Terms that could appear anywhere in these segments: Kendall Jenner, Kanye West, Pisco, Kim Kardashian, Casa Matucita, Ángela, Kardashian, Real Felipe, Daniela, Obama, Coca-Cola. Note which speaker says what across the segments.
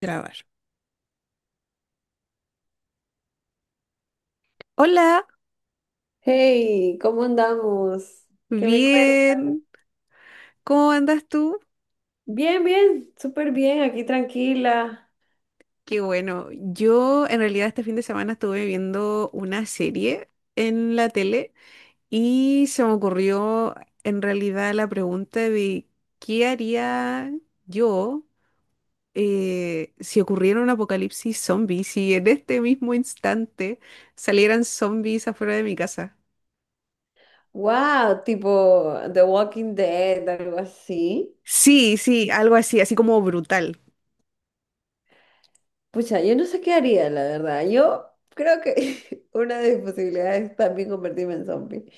Speaker 1: Grabar. Hola,
Speaker 2: Hey, ¿cómo andamos? ¿Qué me cuentas?
Speaker 1: bien. ¿Cómo andas tú?
Speaker 2: Bien, bien, súper bien, aquí tranquila.
Speaker 1: Qué bueno. Yo en realidad este fin de semana estuve viendo una serie en la tele y se me ocurrió en realidad la pregunta de qué haría yo si ocurriera un apocalipsis zombie, si en este mismo instante salieran zombies afuera de mi casa.
Speaker 2: Wow, tipo The Walking Dead, algo así.
Speaker 1: Sí, sí, algo así, así como brutal.
Speaker 2: Pucha, yo no sé qué haría, la verdad. Yo creo que una de mis posibilidades es también convertirme en zombie.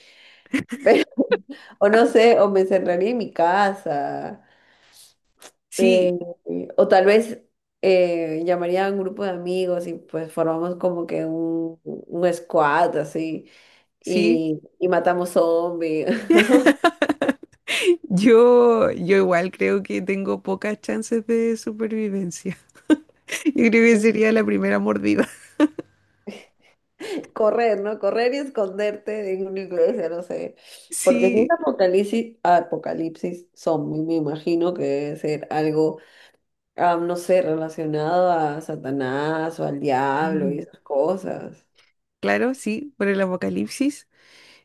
Speaker 2: Pero, o no sé, o me encerraría en mi casa. eh,
Speaker 1: Sí,
Speaker 2: o tal vez llamaría a un grupo de amigos y pues formamos como que un squad así.
Speaker 1: sí.
Speaker 2: Y matamos zombies.
Speaker 1: Yo igual creo que tengo pocas chances de supervivencia. Yo creo que sería la primera mordida.
Speaker 2: Correr, ¿no? Correr y esconderte en una iglesia, no sé. Porque si es
Speaker 1: Sí.
Speaker 2: apocalipsis, apocalipsis zombie, me imagino que debe ser algo, no sé, relacionado a Satanás o al diablo y
Speaker 1: Mm,
Speaker 2: esas cosas.
Speaker 1: claro, sí, por el apocalipsis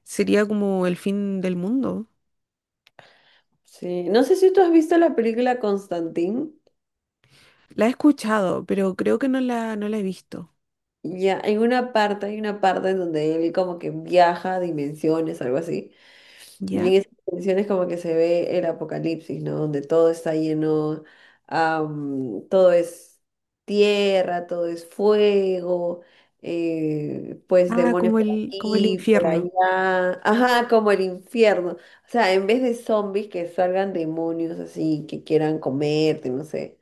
Speaker 1: sería como el fin del mundo.
Speaker 2: Sí. No sé si tú has visto la película Constantín.
Speaker 1: La he escuchado, pero creo que no la he visto.
Speaker 2: Ya, hay una parte en donde él como que viaja a dimensiones, algo así. Y
Speaker 1: ¿Ya?
Speaker 2: en esas canciones como que se ve el apocalipsis, ¿no? Donde todo está lleno, todo es tierra, todo es fuego, pues
Speaker 1: Ah,
Speaker 2: demonios por
Speaker 1: como el
Speaker 2: aquí, por
Speaker 1: infierno.
Speaker 2: allá, ajá, como el infierno. O sea, en vez de zombies que salgan demonios así, que quieran comerte, no sé.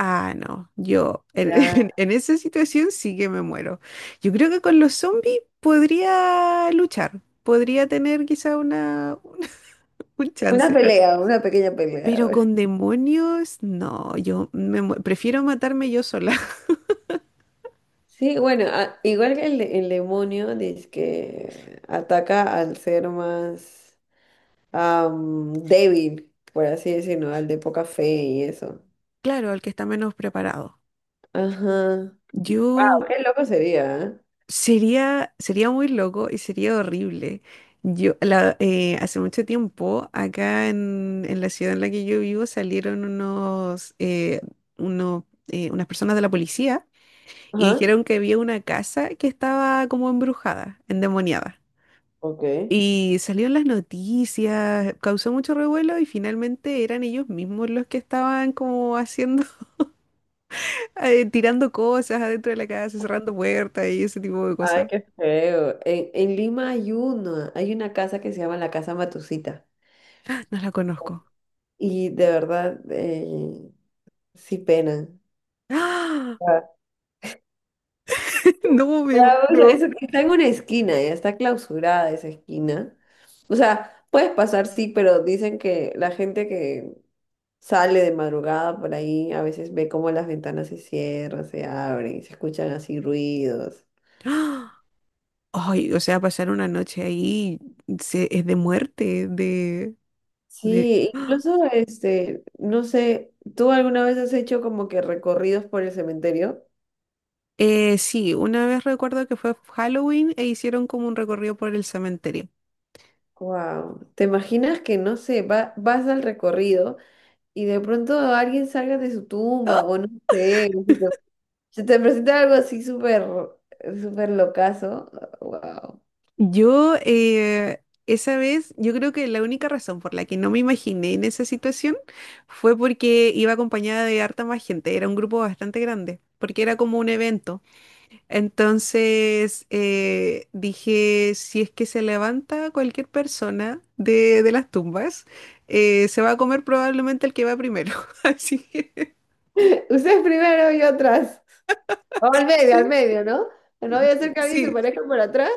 Speaker 1: Ah, no, yo en,
Speaker 2: Ya,
Speaker 1: en esa situación sí que me muero. Yo creo que con los zombies podría luchar, podría tener quizá una, un
Speaker 2: una
Speaker 1: chance.
Speaker 2: pelea, una pequeña
Speaker 1: Pero
Speaker 2: pelea.
Speaker 1: con demonios, no, yo prefiero matarme yo sola.
Speaker 2: Sí, bueno, a- igual que el, de- el demonio dice que ataca al ser más... débil, por así decirlo, al de poca fe y eso.
Speaker 1: Claro, al que está menos preparado.
Speaker 2: Ajá.
Speaker 1: Yo
Speaker 2: Wow, qué loco sería, ¿eh?
Speaker 1: sería, sería muy loco y sería horrible. Hace mucho tiempo, acá en la ciudad en la que yo vivo, salieron unos, unas personas de la policía y
Speaker 2: Ajá.
Speaker 1: dijeron que había una casa que estaba como embrujada, endemoniada.
Speaker 2: Ok.
Speaker 1: Y salió en las noticias, causó mucho revuelo y finalmente eran ellos mismos los que estaban como haciendo, tirando cosas adentro de la casa, cerrando puertas y ese tipo de
Speaker 2: Ay,
Speaker 1: cosas.
Speaker 2: qué feo. En Lima hay una casa que se llama la Casa Matucita.
Speaker 1: No la conozco.
Speaker 2: Y de verdad, sí penan.
Speaker 1: ¡Ah!
Speaker 2: Ah.
Speaker 1: No me
Speaker 2: Ya, o sea,
Speaker 1: muero.
Speaker 2: eso que está en una esquina, ya está clausurada esa esquina. O sea, puedes pasar, sí, pero dicen que la gente que sale de madrugada por ahí, a veces ve cómo las ventanas se cierran, se abren, se escuchan así ruidos.
Speaker 1: ¡Ah! Ay, o sea, pasar una noche ahí es de muerte, de...
Speaker 2: Sí, incluso este, no sé, ¿tú alguna vez has hecho como que recorridos por el cementerio?
Speaker 1: Sí, una vez recuerdo que fue Halloween e hicieron como un recorrido por el cementerio.
Speaker 2: Wow. ¿Te imaginas que no sé, va- vas al recorrido y de pronto alguien salga de su tumba o no sé, se te presenta algo así súper, súper locazo? Wow.
Speaker 1: Yo, eh, Esa vez, yo creo que la única razón por la que no me imaginé en esa situación fue porque iba acompañada de harta más gente, era un grupo bastante grande, porque era como un evento. Entonces, dije, si es que se levanta cualquier persona de las tumbas, se va a comer probablemente el que va primero. Así que,
Speaker 2: Ustedes primero y otras. O al
Speaker 1: sí,
Speaker 2: medio, ¿no? No voy a hacer que alguien se
Speaker 1: sí.
Speaker 2: parezca por atrás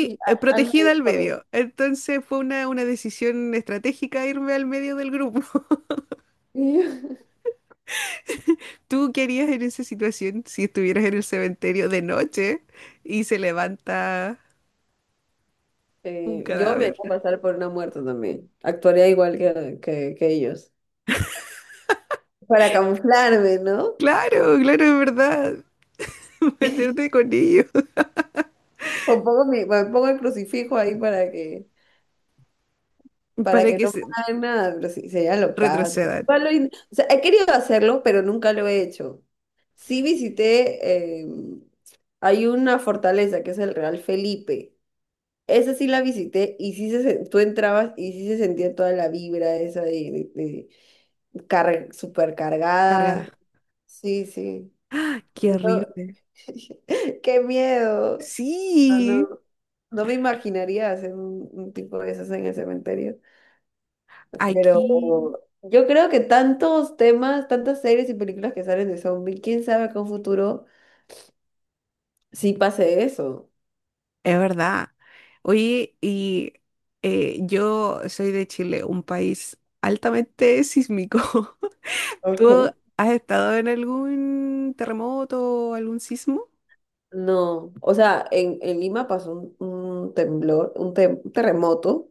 Speaker 2: y a- al
Speaker 1: protegida
Speaker 2: medio,
Speaker 1: al
Speaker 2: corre.
Speaker 1: medio. Entonces fue una decisión estratégica irme al medio del grupo. ¿Tú qué harías en esa situación si estuvieras en el cementerio de noche y se levanta un
Speaker 2: Yo me voy
Speaker 1: cadáver?
Speaker 2: a pasar por una muerta también. Actuaría igual que ellos. Para camuflarme, ¿no?
Speaker 1: Claro, claro, es verdad. Meterte con ellos
Speaker 2: O pongo mi, o pongo el crucifijo ahí para
Speaker 1: para
Speaker 2: que
Speaker 1: que
Speaker 2: no me
Speaker 1: se
Speaker 2: hagan nada, pero sí, sería locazo.
Speaker 1: retrocedan.
Speaker 2: Igual lo in- O sea, he querido hacerlo, pero nunca lo he hecho. Sí visité, hay una fortaleza que es el Real Felipe. Esa sí la visité y sí se, sen- tú entrabas y sí se sentía toda la vibra esa de car-
Speaker 1: Cargada.
Speaker 2: supercargada. Sí, sí.
Speaker 1: Qué
Speaker 2: Por eso-
Speaker 1: horrible.
Speaker 2: ¡Qué miedo! No, no,
Speaker 1: Sí,
Speaker 2: no me imaginaría hacer un tipo de esas en el cementerio.
Speaker 1: aquí
Speaker 2: Pero yo creo que tantos temas, tantas series y películas que salen de zombie, quién sabe que en un futuro sí pase eso.
Speaker 1: es verdad. Oye, y yo soy de Chile, un país altamente sísmico.
Speaker 2: Ok.
Speaker 1: ¿Tú has estado en algún terremoto o algún sismo?
Speaker 2: No, o sea, en Lima pasó un temblor, un, tem- un terremoto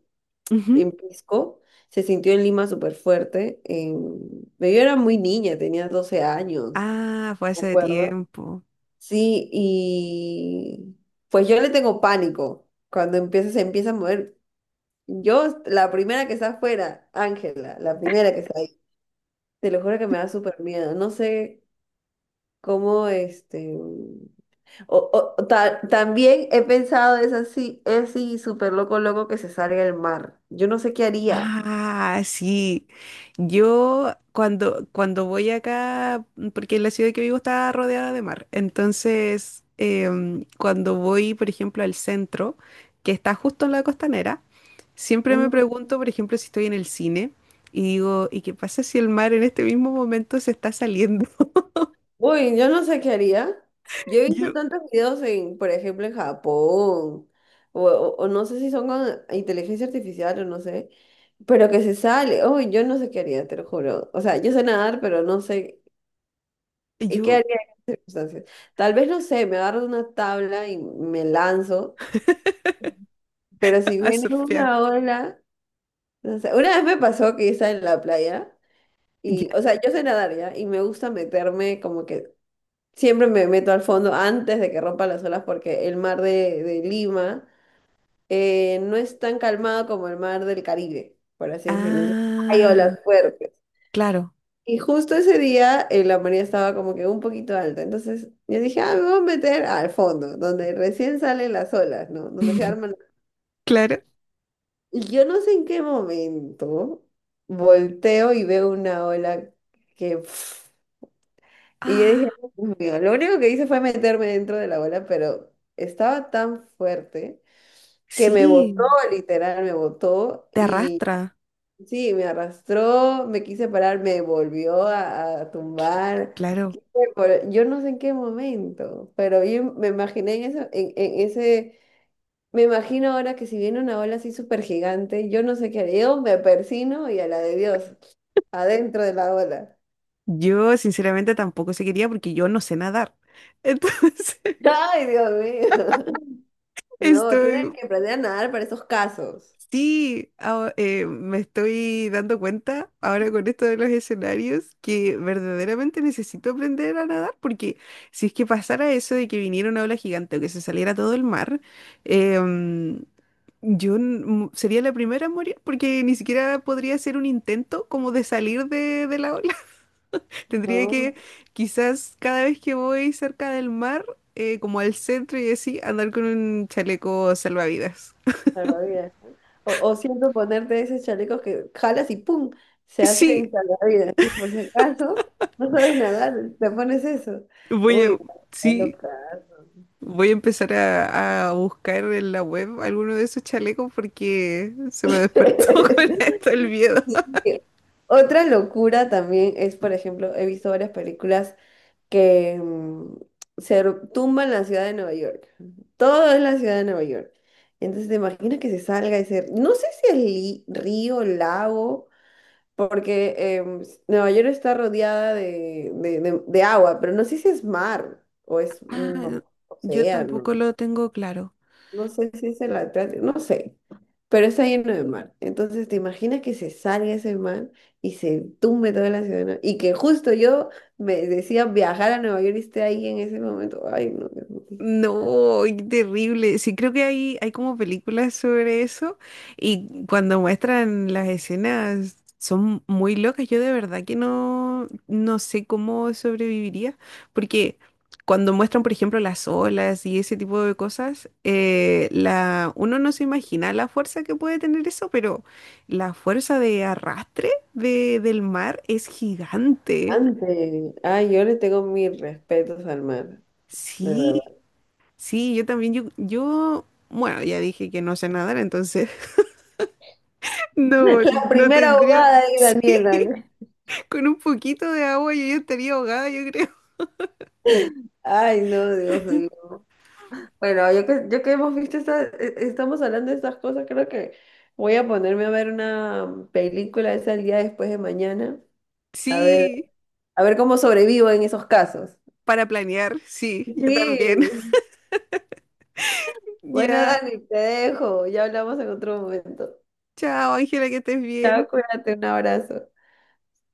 Speaker 1: Ujú.
Speaker 2: en Pisco, se sintió en Lima súper fuerte. En- Yo era muy niña, tenía 12 años,
Speaker 1: Ah, fue
Speaker 2: ¿me
Speaker 1: hace
Speaker 2: acuerdo?
Speaker 1: tiempo.
Speaker 2: Sí, y pues yo le tengo pánico cuando empieza, se empieza a mover. Yo, la primera que está afuera, Ángela, la primera que está ahí, te lo juro que me da súper miedo. No sé cómo este. O, o- ta- también he pensado es así súper loco, loco que se salga del mar. Yo no sé qué haría.
Speaker 1: Ah, sí. Yo cuando voy acá, porque la ciudad que vivo está rodeada de mar, entonces cuando voy, por ejemplo, al centro, que está justo en la costanera, siempre me
Speaker 2: Ujú.
Speaker 1: pregunto, por ejemplo, si estoy en el cine y digo, ¿y qué pasa si el mar en este mismo momento se está saliendo?
Speaker 2: Uy, yo no sé qué haría. Yo he visto
Speaker 1: Yo,
Speaker 2: tantos videos en, por ejemplo, en Japón, o no sé si son con inteligencia artificial o no sé, pero que se sale. Uy, yo no sé qué haría, te lo juro. O sea, yo sé nadar, pero no sé qué, qué
Speaker 1: yo
Speaker 2: haría en circunstancias. Tal vez, no sé, me agarro de una tabla y me lanzo, pero si
Speaker 1: a
Speaker 2: viene
Speaker 1: surfear.
Speaker 2: una ola... No sé, una vez me pasó que estaba en la playa
Speaker 1: Ya.
Speaker 2: y, o sea, yo sé nadar ya y me gusta meterme como que siempre me meto al fondo antes de que rompan las olas porque el mar de Lima no es tan calmado como el mar del Caribe, por así decirlo. Entonces, hay
Speaker 1: Ah,
Speaker 2: olas fuertes.
Speaker 1: claro,
Speaker 2: Y justo ese día la marea estaba como que un poquito alta. Entonces yo dije, ah, me voy a meter al fondo, donde recién salen las olas, ¿no? Donde se arman.
Speaker 1: claro.
Speaker 2: Y yo no sé en qué momento volteo y veo una ola que... pf, y yo dije,
Speaker 1: Ah.
Speaker 2: "Oh, Dios mío", lo único que hice fue meterme dentro de la ola, pero estaba tan fuerte que me botó,
Speaker 1: Sí,
Speaker 2: literal, me botó
Speaker 1: te
Speaker 2: y
Speaker 1: arrastra,
Speaker 2: sí, me arrastró, me quise parar, me volvió a tumbar.
Speaker 1: claro.
Speaker 2: Quise vol- Yo no sé en qué momento, pero yo me imaginé en, eso, en ese me imagino ahora que si viene una ola así súper gigante, yo no sé qué haré. Yo me persino y a la de Dios, adentro de la ola.
Speaker 1: Yo sinceramente tampoco se quería porque yo no sé nadar. Entonces,
Speaker 2: ¡Ay, Dios mío! No, tienen
Speaker 1: estoy,
Speaker 2: que aprender a nadar para esos casos.
Speaker 1: sí, me estoy dando cuenta ahora con esto de los escenarios que verdaderamente necesito aprender a nadar porque si es que pasara eso de que viniera una ola gigante o que se saliera todo el mar, em, yo sería la primera en morir porque ni siquiera podría hacer un intento como de salir de la ola. Tendría que,
Speaker 2: No,
Speaker 1: quizás cada vez que voy cerca del mar, como al centro y así, andar con un chaleco salvavidas.
Speaker 2: salvavidas. O siempre ponerte esos chalecos que jalas y ¡pum! Se hacen
Speaker 1: Sí,
Speaker 2: salvavidas. Por si acaso no sabes nadar, te pones eso.
Speaker 1: voy
Speaker 2: Uy,
Speaker 1: a,
Speaker 2: no,
Speaker 1: sí,
Speaker 2: loca.
Speaker 1: voy a empezar a buscar en la web alguno de esos chalecos porque se me despertó con esto el miedo.
Speaker 2: Otra locura también es, por ejemplo, he visto varias películas que se r- tumba en la ciudad de Nueva York. Todo es la ciudad de Nueva York. Entonces te imaginas que se salga ese, no sé si es li- río, lago, porque em, s- Nueva York está rodeada de agua, pero no sé si es mar o es
Speaker 1: Ah,
Speaker 2: un
Speaker 1: yo
Speaker 2: océano,
Speaker 1: tampoco lo tengo claro.
Speaker 2: no sé si es el Atlántico, no sé, pero está lleno de mar. Entonces, ¿te imaginas que se salga ese mar y se tumbe toda la ciudad? ¿no? Y que justo yo me decía viajar a Nueva York y esté ahí en ese momento. Ay, no, Dios mío.
Speaker 1: No, qué terrible. Sí, creo que hay como películas sobre eso y cuando muestran las escenas son muy locas. Yo de verdad que no, no sé cómo sobreviviría porque cuando muestran, por ejemplo, las olas y ese tipo de cosas, uno no se imagina la fuerza que puede tener eso, pero la fuerza de arrastre de, del mar es gigante.
Speaker 2: Antes, ay, yo le tengo mis respetos al mar, de
Speaker 1: Sí.
Speaker 2: verdad.
Speaker 1: Sí, yo también, yo, bueno, ya dije que no sé nadar, entonces no,
Speaker 2: La
Speaker 1: no
Speaker 2: primera
Speaker 1: tendría,
Speaker 2: abogada ahí,
Speaker 1: sí,
Speaker 2: Daniela.
Speaker 1: con un poquito de agua yo ya estaría ahogada, yo creo.
Speaker 2: Ay, no, Dios mío. Bueno, yo que hemos visto esta, e- estamos hablando de estas cosas, creo que voy a ponerme a ver una película esa el día después de mañana. A ver.
Speaker 1: Sí,
Speaker 2: A ver cómo sobrevivo en esos casos.
Speaker 1: para planear, sí, yo también.
Speaker 2: Sí. Bueno,
Speaker 1: Ya,
Speaker 2: Dani, te dejo. Ya hablamos en otro momento.
Speaker 1: chao, Ángela, que estés bien.
Speaker 2: Chao, cuídate, un abrazo.